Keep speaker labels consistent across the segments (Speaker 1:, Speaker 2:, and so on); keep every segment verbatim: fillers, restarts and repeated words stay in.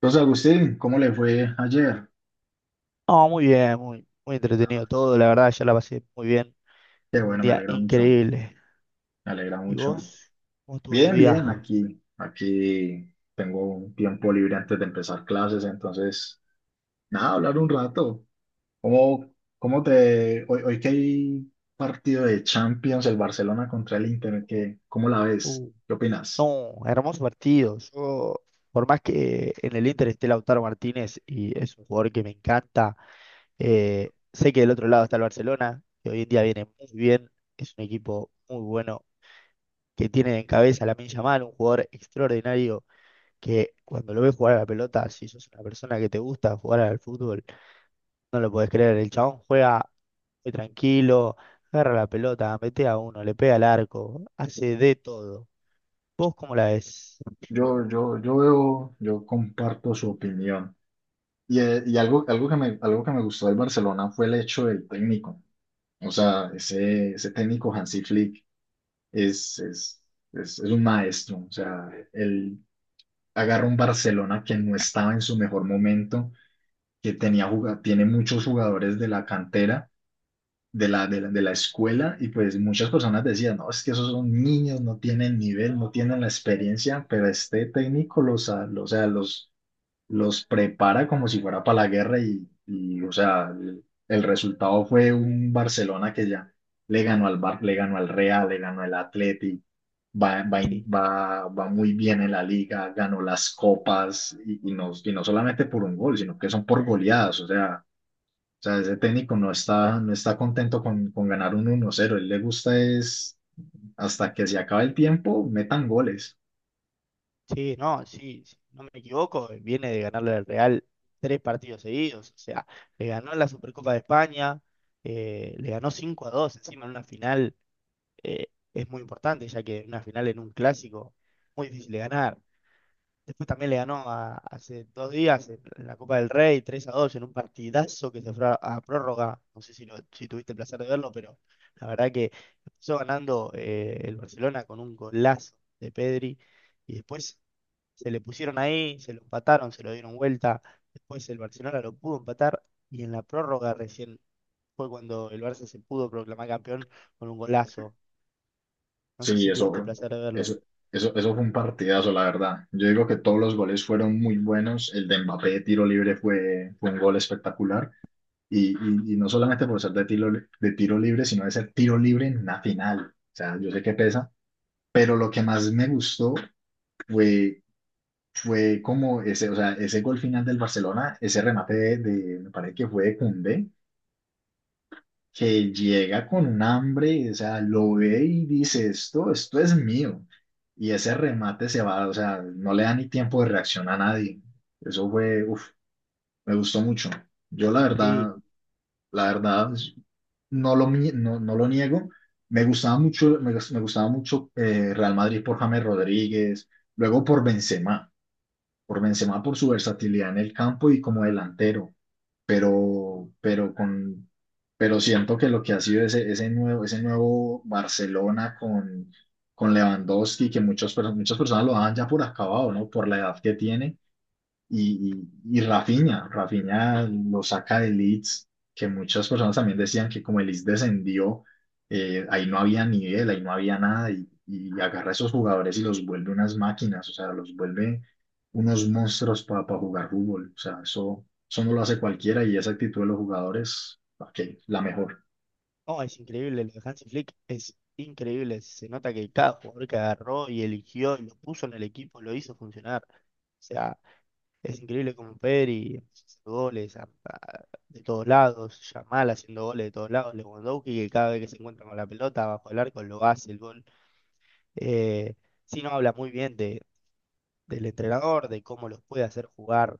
Speaker 1: Entonces, Agustín, ¿cómo le fue ayer?
Speaker 2: No, muy bien, muy, muy entretenido todo, la verdad, ya la pasé muy bien.
Speaker 1: Qué
Speaker 2: Tuve un
Speaker 1: bueno, me
Speaker 2: día
Speaker 1: alegra mucho,
Speaker 2: increíble.
Speaker 1: me alegra
Speaker 2: ¿Y
Speaker 1: mucho.
Speaker 2: vos? ¿Cómo estuvo tu
Speaker 1: Bien, bien,
Speaker 2: día?
Speaker 1: aquí, aquí tengo un tiempo libre antes de empezar clases, entonces, nada, hablar un rato. ¿Cómo, cómo te, hoy, ¿Hoy que hay partido de Champions, el Barcelona contra el Inter, ¿qué, cómo la ves?
Speaker 2: Uh,
Speaker 1: ¿Qué opinas?
Speaker 2: no, hermoso partido. Yo, por más que en el Inter esté Lautaro Martínez y es un jugador que me encanta, eh, sé que del otro lado está el Barcelona, que hoy en día viene muy bien, es un equipo muy bueno, que tiene en cabeza a Lamine Yamal, un jugador extraordinario que cuando lo ves jugar a la pelota, si sos una persona que te gusta jugar al fútbol, no lo puedes creer. El chabón juega muy tranquilo, agarra la pelota, mete a uno, le pega al arco, hace de todo. ¿Vos cómo la ves?
Speaker 1: Yo, yo, yo veo, yo comparto su opinión. Y, eh, y algo, algo que me, algo que me gustó del Barcelona fue el hecho del técnico. O sea, ese, ese técnico Hansi Flick es, es, es, es un maestro. O sea, él agarra un Barcelona que no estaba en su mejor momento, que tenía juga- tiene muchos jugadores de la cantera, de la, de la, de la escuela, y pues muchas personas decían, no, es que esos son niños, no tienen nivel, no tienen la experiencia, pero este técnico los, a- los, o sea, los los prepara como si fuera para la guerra y, y, o sea, el, el resultado fue un Barcelona que ya le ganó al Bar, le ganó al Real, le ganó al Atleti, va, va, in-
Speaker 2: Sí,
Speaker 1: va, va muy bien en la liga, ganó las copas y, y no, y no solamente por un gol, sino que son por goleadas, o sea, o sea, ese técnico no está, no está contento con, con ganar un uno cero, él le gusta es hasta que se acabe el tiempo, metan goles.
Speaker 2: sí, no, sí, sí, no me equivoco, viene de ganarle al Real tres partidos seguidos, o sea, le ganó la Supercopa de España, eh, le ganó cinco a dos encima en una final, eh, es muy importante, ya que una final en un clásico, muy difícil de ganar. Después también le ganó a- hace dos días en la Copa del Rey tres a dos en un partidazo que se fue a, a prórroga. No sé si, lo- si tuviste el placer de verlo, pero la verdad que empezó ganando eh, el Barcelona con un golazo de Pedri y después se le pusieron ahí, se lo empataron, se lo dieron vuelta. Después el Barcelona lo pudo empatar y en la prórroga recién fue cuando el Barça se pudo proclamar campeón con un golazo. No sé
Speaker 1: Sí,
Speaker 2: si
Speaker 1: eso,
Speaker 2: tuviste el placer de verlo.
Speaker 1: eso, eso, eso fue un partidazo, la verdad. Yo digo que todos los goles fueron muy buenos. El de Mbappé de tiro libre fue, fue un gol espectacular. Y, y, y no solamente por ser de tiro, de tiro libre, sino de ser tiro libre en una final. O sea, yo sé que pesa, pero lo que más me gustó fue, fue como ese, o sea, ese gol final del Barcelona, ese remate de, de- me parece que fue de Koundé, que llega con un hambre, o sea, lo ve y dice, esto, esto es mío. Y ese remate se va, o sea, no le da ni tiempo de reacción a nadie. Eso fue, uf, me gustó mucho. Yo la
Speaker 2: Sí.
Speaker 1: verdad, la verdad, pues, no lo, mi- no, no lo niego. Me gustaba mucho, me, gus- me gustaba mucho eh, Real Madrid por James Rodríguez, luego por Benzema por Benzema por su versatilidad en el campo y como delantero, pero, pero con, pero siento que lo que ha sido ese, ese nuevo, ese nuevo Barcelona con, con Lewandowski, que muchos, per- muchas personas lo dan ya por acabado, ¿no? Por la edad que tiene y, y, y Rafinha, Rafinha lo saca de Leeds, que muchas personas también decían que como el Leeds descendió, eh, ahí no había nivel, ahí no había nada, y, y agarra a esos jugadores y los vuelve unas máquinas, o sea, los vuelve unos monstruos para jugar fútbol, o sea, eso, eso no lo hace cualquiera y esa actitud de los jugadores, ok, la mejor,
Speaker 2: No, es increíble, lo de Hansi Flick es increíble. Se nota que cada jugador que agarró y eligió y lo puso en el equipo lo hizo funcionar. O sea, es increíble como Pedri haciendo goles a- a- de todos lados, Yamal haciendo goles de todos lados, Lewandowski que cada vez que se encuentra con la pelota bajo el arco lo hace el gol. Eh, sí, no habla muy bien de, del entrenador, de cómo los puede hacer jugar,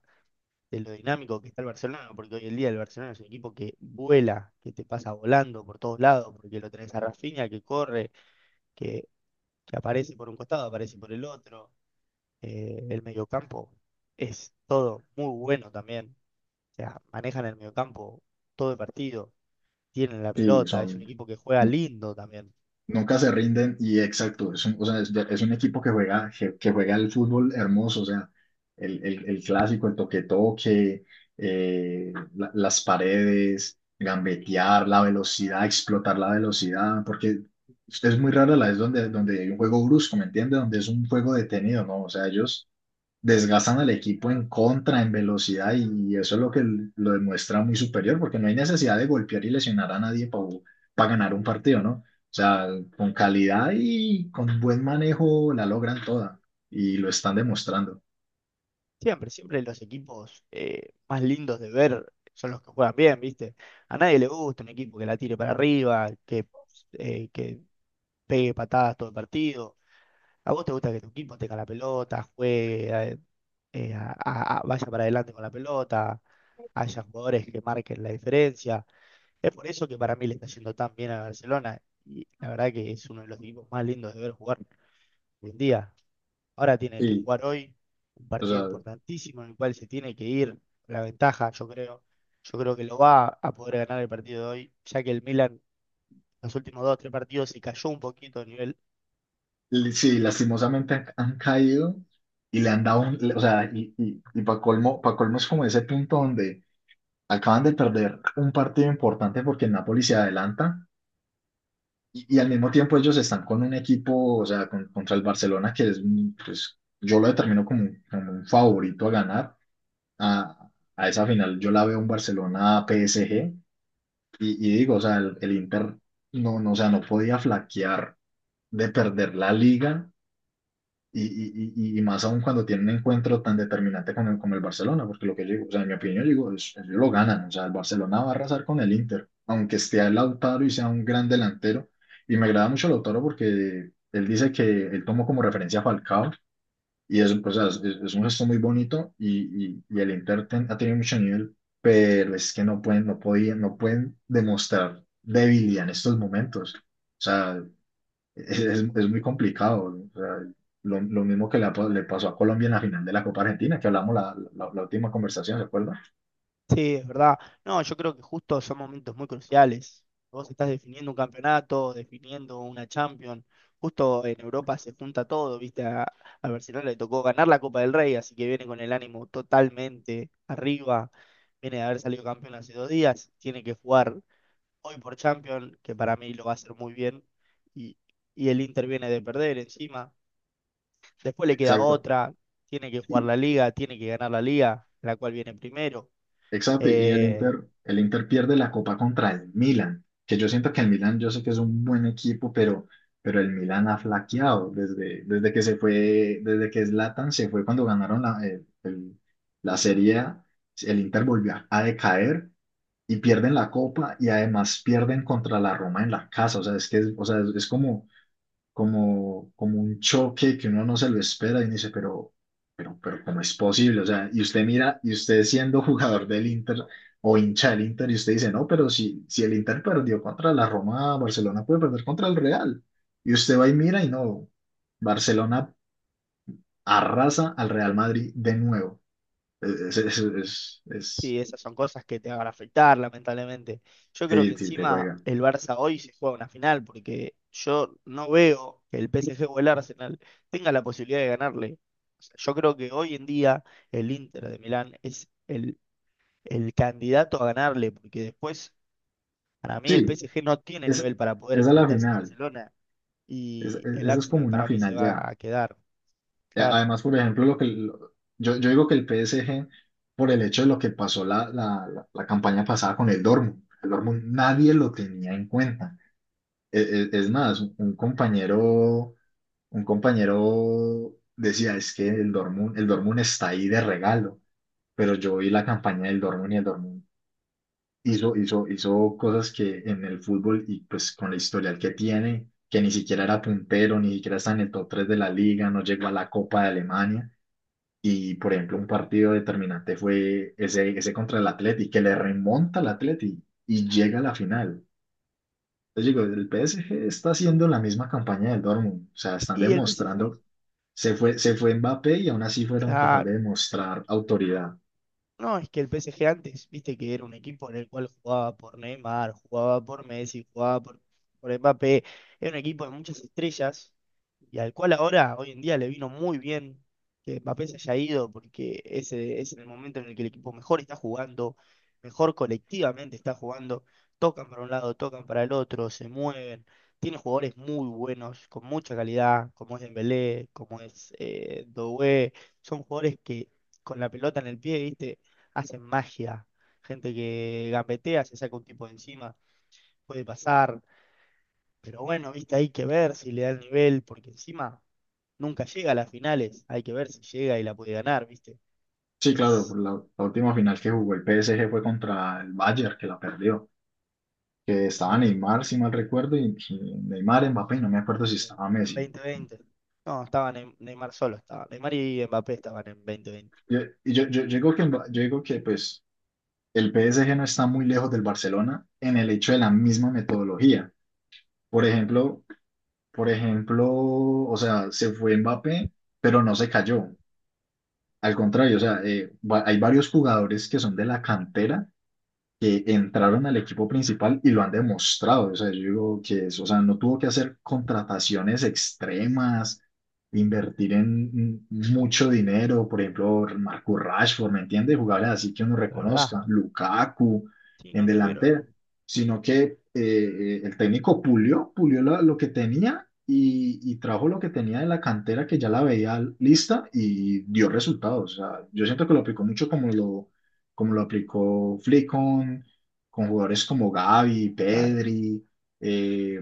Speaker 2: de lo dinámico que está el Barcelona, porque hoy en día el Barcelona es un equipo que vuela, que te pasa volando por todos lados, porque lo tenés a Rafinha que corre, que, que aparece por un costado, aparece por el otro, eh, el mediocampo es todo muy bueno también, o sea, manejan el mediocampo todo el partido, tienen la
Speaker 1: sí,
Speaker 2: pelota, es un
Speaker 1: son...
Speaker 2: equipo que juega lindo también.
Speaker 1: Nunca se rinden y exacto, es un, o sea, es, es un equipo que juega, que, que juega el fútbol hermoso, o sea, el, el, el clásico, el toque-toque, eh, la- las paredes, gambetear, la velocidad, explotar la velocidad, porque es muy rara la vez donde, donde hay un juego brusco, ¿me entiendes? Donde es un juego detenido, ¿no? O sea, ellos desgastan al equipo en contra, en velocidad, y eso es lo que lo demuestra muy superior, porque no hay necesidad de golpear y lesionar a nadie para ganar un partido, ¿no? O sea, con calidad y con buen manejo la logran toda, y lo están demostrando.
Speaker 2: Siempre, siempre los equipos eh, más lindos de ver son los que juegan bien, ¿viste? A nadie le gusta un equipo que la tire para arriba, que eh, que pegue patadas todo el partido. ¿A vos te gusta que tu equipo tenga la pelota, juegue, eh, eh, a- a- a- vaya para adelante con la pelota, haya jugadores que marquen la diferencia? Es por eso que para mí le está yendo tan bien a Barcelona, y la verdad que es uno de los equipos más lindos de ver jugar hoy en día. Ahora tiene que
Speaker 1: Sí,
Speaker 2: jugar hoy un
Speaker 1: o
Speaker 2: partido
Speaker 1: sea,
Speaker 2: importantísimo en el cual se tiene que ir la ventaja, yo creo. Yo creo que lo va a poder ganar el partido de hoy, ya que el Milan los últimos dos o tres partidos se cayó un poquito a nivel.
Speaker 1: l- sí, lastimosamente han, han caído y le han dado un, le- o sea, y, y, y para colmo, pa' colmo es como ese punto donde acaban de perder un partido importante porque el Napoli se adelanta. Y, y al mismo tiempo ellos están con un equipo, o sea, con- contra el Barcelona, que es, un- pues, yo lo determino como, un- como un favorito a ganar. A, a esa final yo la veo un Barcelona-P S G y, y digo, o sea, el, el Inter no, no, o sea, no podía flaquear de perder la liga y, y, y, y más aún cuando tiene un encuentro tan determinante con el, con el Barcelona, porque lo que yo digo, o sea, en mi opinión, yo digo, es- ellos lo ganan, o sea, el Barcelona va a arrasar con el Inter, aunque esté el Lautaro y sea un gran delantero. Y me agrada mucho Lautaro porque él dice que él tomó como referencia a Falcao, y es, o sea, es, es un gesto muy bonito, y, y, y el Inter ten- ha tenido mucho nivel, pero es que no pueden, no podían, no pueden demostrar debilidad en estos momentos. O sea, es, es- muy complicado. ¿No? O sea, lo, lo mismo que le, ha pa- le pasó a Colombia en la final de la Copa Argentina, que hablamos la, la- la última conversación, ¿se acuerda?
Speaker 2: Sí, es verdad. No, yo creo que justo son momentos muy cruciales. Vos estás definiendo un campeonato, definiendo una Champions. Justo en Europa se junta todo, ¿viste? A, a Barcelona le tocó ganar la Copa del Rey, así que viene con el ánimo totalmente arriba. Viene de haber salido campeón hace dos días. Tiene que jugar hoy por Champions, que para mí lo va a hacer muy bien. Y, y el Inter viene de perder encima. Después le queda
Speaker 1: Exacto.
Speaker 2: otra. Tiene que jugar
Speaker 1: Y-
Speaker 2: la Liga, tiene que ganar la Liga, la cual viene primero.
Speaker 1: exacto. Y el
Speaker 2: Eh,
Speaker 1: Inter, el Inter pierde la Copa contra el Milan, que yo siento que el Milan, yo sé que es un buen equipo, pero, pero el Milan ha flaqueado desde, desde que se fue, desde que Zlatan se fue cuando ganaron la, el- el- la Serie A, el Inter volvió a decaer y pierden la copa y además pierden contra la Roma en la casa. O sea, es que es, o sea, es es como, como, como un choque que uno no se lo espera y uno dice, pero, pero, pero, ¿cómo es posible? O sea, y usted mira, y usted siendo jugador del Inter o hincha del Inter, y usted dice, no, pero si, si el Inter perdió contra la Roma, Barcelona puede perder contra el Real. Y usted va y mira y no, Barcelona arrasa al Real Madrid de nuevo. Es, es, es, es-
Speaker 2: Sí, esas son cosas que te van a afectar, lamentablemente. Yo creo
Speaker 1: sí,
Speaker 2: que
Speaker 1: sí, te
Speaker 2: encima
Speaker 1: juega.
Speaker 2: el Barça hoy se juega una final, porque yo no veo que el P S G o el Arsenal tenga la posibilidad de ganarle. O sea, yo creo que hoy en día el Inter de Milán es el, el candidato a ganarle, porque después, para mí, el
Speaker 1: Sí,
Speaker 2: P S G no tiene
Speaker 1: es
Speaker 2: nivel para poder
Speaker 1: esa es la
Speaker 2: enfrentarse al
Speaker 1: final.
Speaker 2: Barcelona
Speaker 1: Es-
Speaker 2: y
Speaker 1: es-
Speaker 2: el
Speaker 1: esa es como
Speaker 2: Arsenal
Speaker 1: una
Speaker 2: para mí se
Speaker 1: final ya.
Speaker 2: va a quedar,
Speaker 1: Eh,
Speaker 2: claro.
Speaker 1: además, por ejemplo, lo que lo- yo, yo digo que el P S G, por el hecho de lo que pasó la, la, la, la campaña pasada con el Dortmund, el Dortmund nadie lo tenía en cuenta. E- e- Es, más, un, un compañero, un compañero decía, es que el Dortmund, el Dortmund está ahí de regalo, pero yo vi la campaña del Dortmund y el Dortmund hizo, hizo, hizo cosas que en el fútbol y pues con la historial que tiene, que ni siquiera era puntero, ni siquiera está en el top tres de la liga, no llegó a la Copa de Alemania. Y por ejemplo, un partido determinante fue ese, ese contra el Atleti, que le remonta al Atleti y llega a la final. Entonces digo, el P S G está haciendo la misma campaña del Dortmund, o sea, están
Speaker 2: Y el P S G,
Speaker 1: demostrando, se fue, se fue Mbappé y aún así fueron capaces de
Speaker 2: claro.
Speaker 1: demostrar autoridad.
Speaker 2: No, es que el P S G antes, viste que era un equipo en el cual jugaba por Neymar, jugaba por Messi, jugaba por, por Mbappé, era un equipo de muchas estrellas y al cual ahora, hoy en día, le vino muy bien que Mbappé se haya ido, porque ese es el momento en el que el equipo mejor está jugando, mejor colectivamente está jugando, tocan para un lado, tocan para el otro, se mueven, tiene jugadores muy buenos, con mucha calidad, como es Dembélé, como es eh, Doué, son jugadores que con la pelota en el pie, ¿viste?, hacen magia, gente que gambetea, se saca un tipo de encima, puede pasar, pero bueno, viste, hay que ver si le da el nivel, porque encima nunca llega a las finales, hay que ver si llega y la puede ganar, viste,
Speaker 1: Sí, claro,
Speaker 2: es
Speaker 1: por la, la última final que jugó el P S G fue contra el Bayern, que la perdió. Que estaba
Speaker 2: claro,
Speaker 1: Neymar, si mal recuerdo, y pues, Neymar, Mbappé, y no me acuerdo si estaba
Speaker 2: en
Speaker 1: Messi.
Speaker 2: dos mil veinte. No, estaban en Neymar solo, estaba. Neymar y Mbappé estaban en dos mil veinte,
Speaker 1: Yo- Y yo, yo, yo digo que, Mba- yo digo que pues, el P S G no está muy lejos del Barcelona en el hecho de la misma metodología. Por ejemplo, por ejemplo, o sea, se fue Mbappé, pero no se cayó. Al contrario, o sea, eh, va- hay varios jugadores que son de la cantera que entraron al equipo principal y lo han demostrado. O sea, yo digo que es- o sea, no tuvo que hacer contrataciones extremas, invertir en mm, mucho dinero, por ejemplo, Marcus Rashford, ¿me entiendes? Jugadores así que uno
Speaker 2: de verdad.
Speaker 1: reconozca, Lukaku
Speaker 2: Sí,
Speaker 1: en
Speaker 2: no tuvieron
Speaker 1: delantera,
Speaker 2: un-
Speaker 1: sino que eh, eh, el técnico pulió, pulió la- lo que tenía. Y, y trajo lo que tenía de la cantera que ya la veía lista y dio resultados. O sea, yo siento que lo aplicó mucho como lo, como lo aplicó Flick con, con jugadores como Gavi,
Speaker 2: Claro.
Speaker 1: Pedri, eh,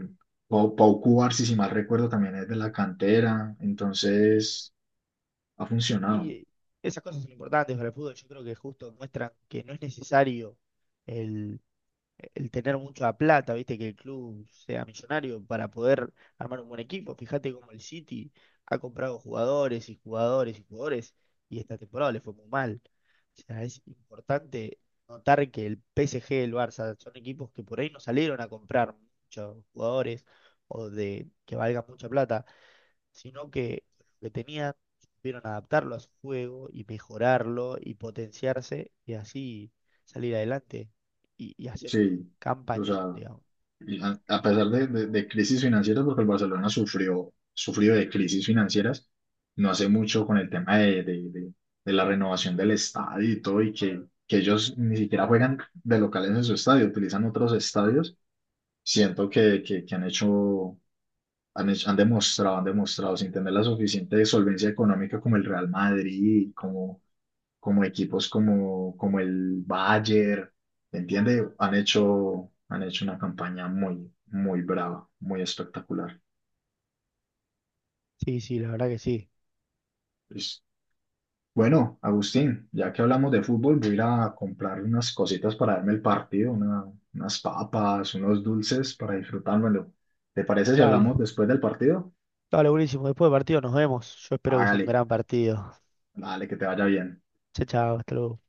Speaker 1: Pau, Pau Cubarsí, si si mal recuerdo, también es de la cantera,
Speaker 2: Y,
Speaker 1: entonces ha funcionado,
Speaker 2: y esas cosas son importantes para el fútbol. Yo creo que justo muestran que no es necesario el, el tener mucha plata, viste, que el club sea millonario para poder armar un buen equipo. Fíjate cómo el City ha comprado jugadores y jugadores y jugadores y esta temporada le fue muy mal. O sea, es importante notar que el P S G, el Barça, son equipos que por ahí no salieron a comprar muchos jugadores o de que valgan mucha plata, sino que lo que tenían, supieron adaptarlo a su juego y mejorarlo y potenciarse y así salir adelante y, y hacer un
Speaker 1: sí, o
Speaker 2: campañón,
Speaker 1: sea,
Speaker 2: digamos.
Speaker 1: y a, a pesar de, de- de crisis financieras, porque el Barcelona sufrió, sufrió de crisis financieras, no hace mucho con el tema de, de- de- de la renovación del estadio y todo, y que, que ellos ni siquiera juegan de locales en su estadio, utilizan otros estadios. Siento que, que, que han hecho, han hecho- han demostrado, han demostrado sin tener la suficiente solvencia económica como el Real Madrid, como, como equipos como, como el Bayern, ¿entiendes? Han hecho, han hecho una campaña muy, muy brava, muy espectacular.
Speaker 2: Sí, sí, la verdad que sí.
Speaker 1: Pues, bueno, Agustín, ya que hablamos de fútbol, voy a ir a comprar unas cositas para darme el partido, una- unas papas, unos dulces para disfrutármelo. ¿Te parece si
Speaker 2: Dale,
Speaker 1: hablamos después del partido?
Speaker 2: dale, buenísimo. Después del partido nos vemos. Yo espero que sea un
Speaker 1: Hágale.
Speaker 2: gran partido.
Speaker 1: Dale, que te vaya bien.
Speaker 2: Chao, chao, hasta luego.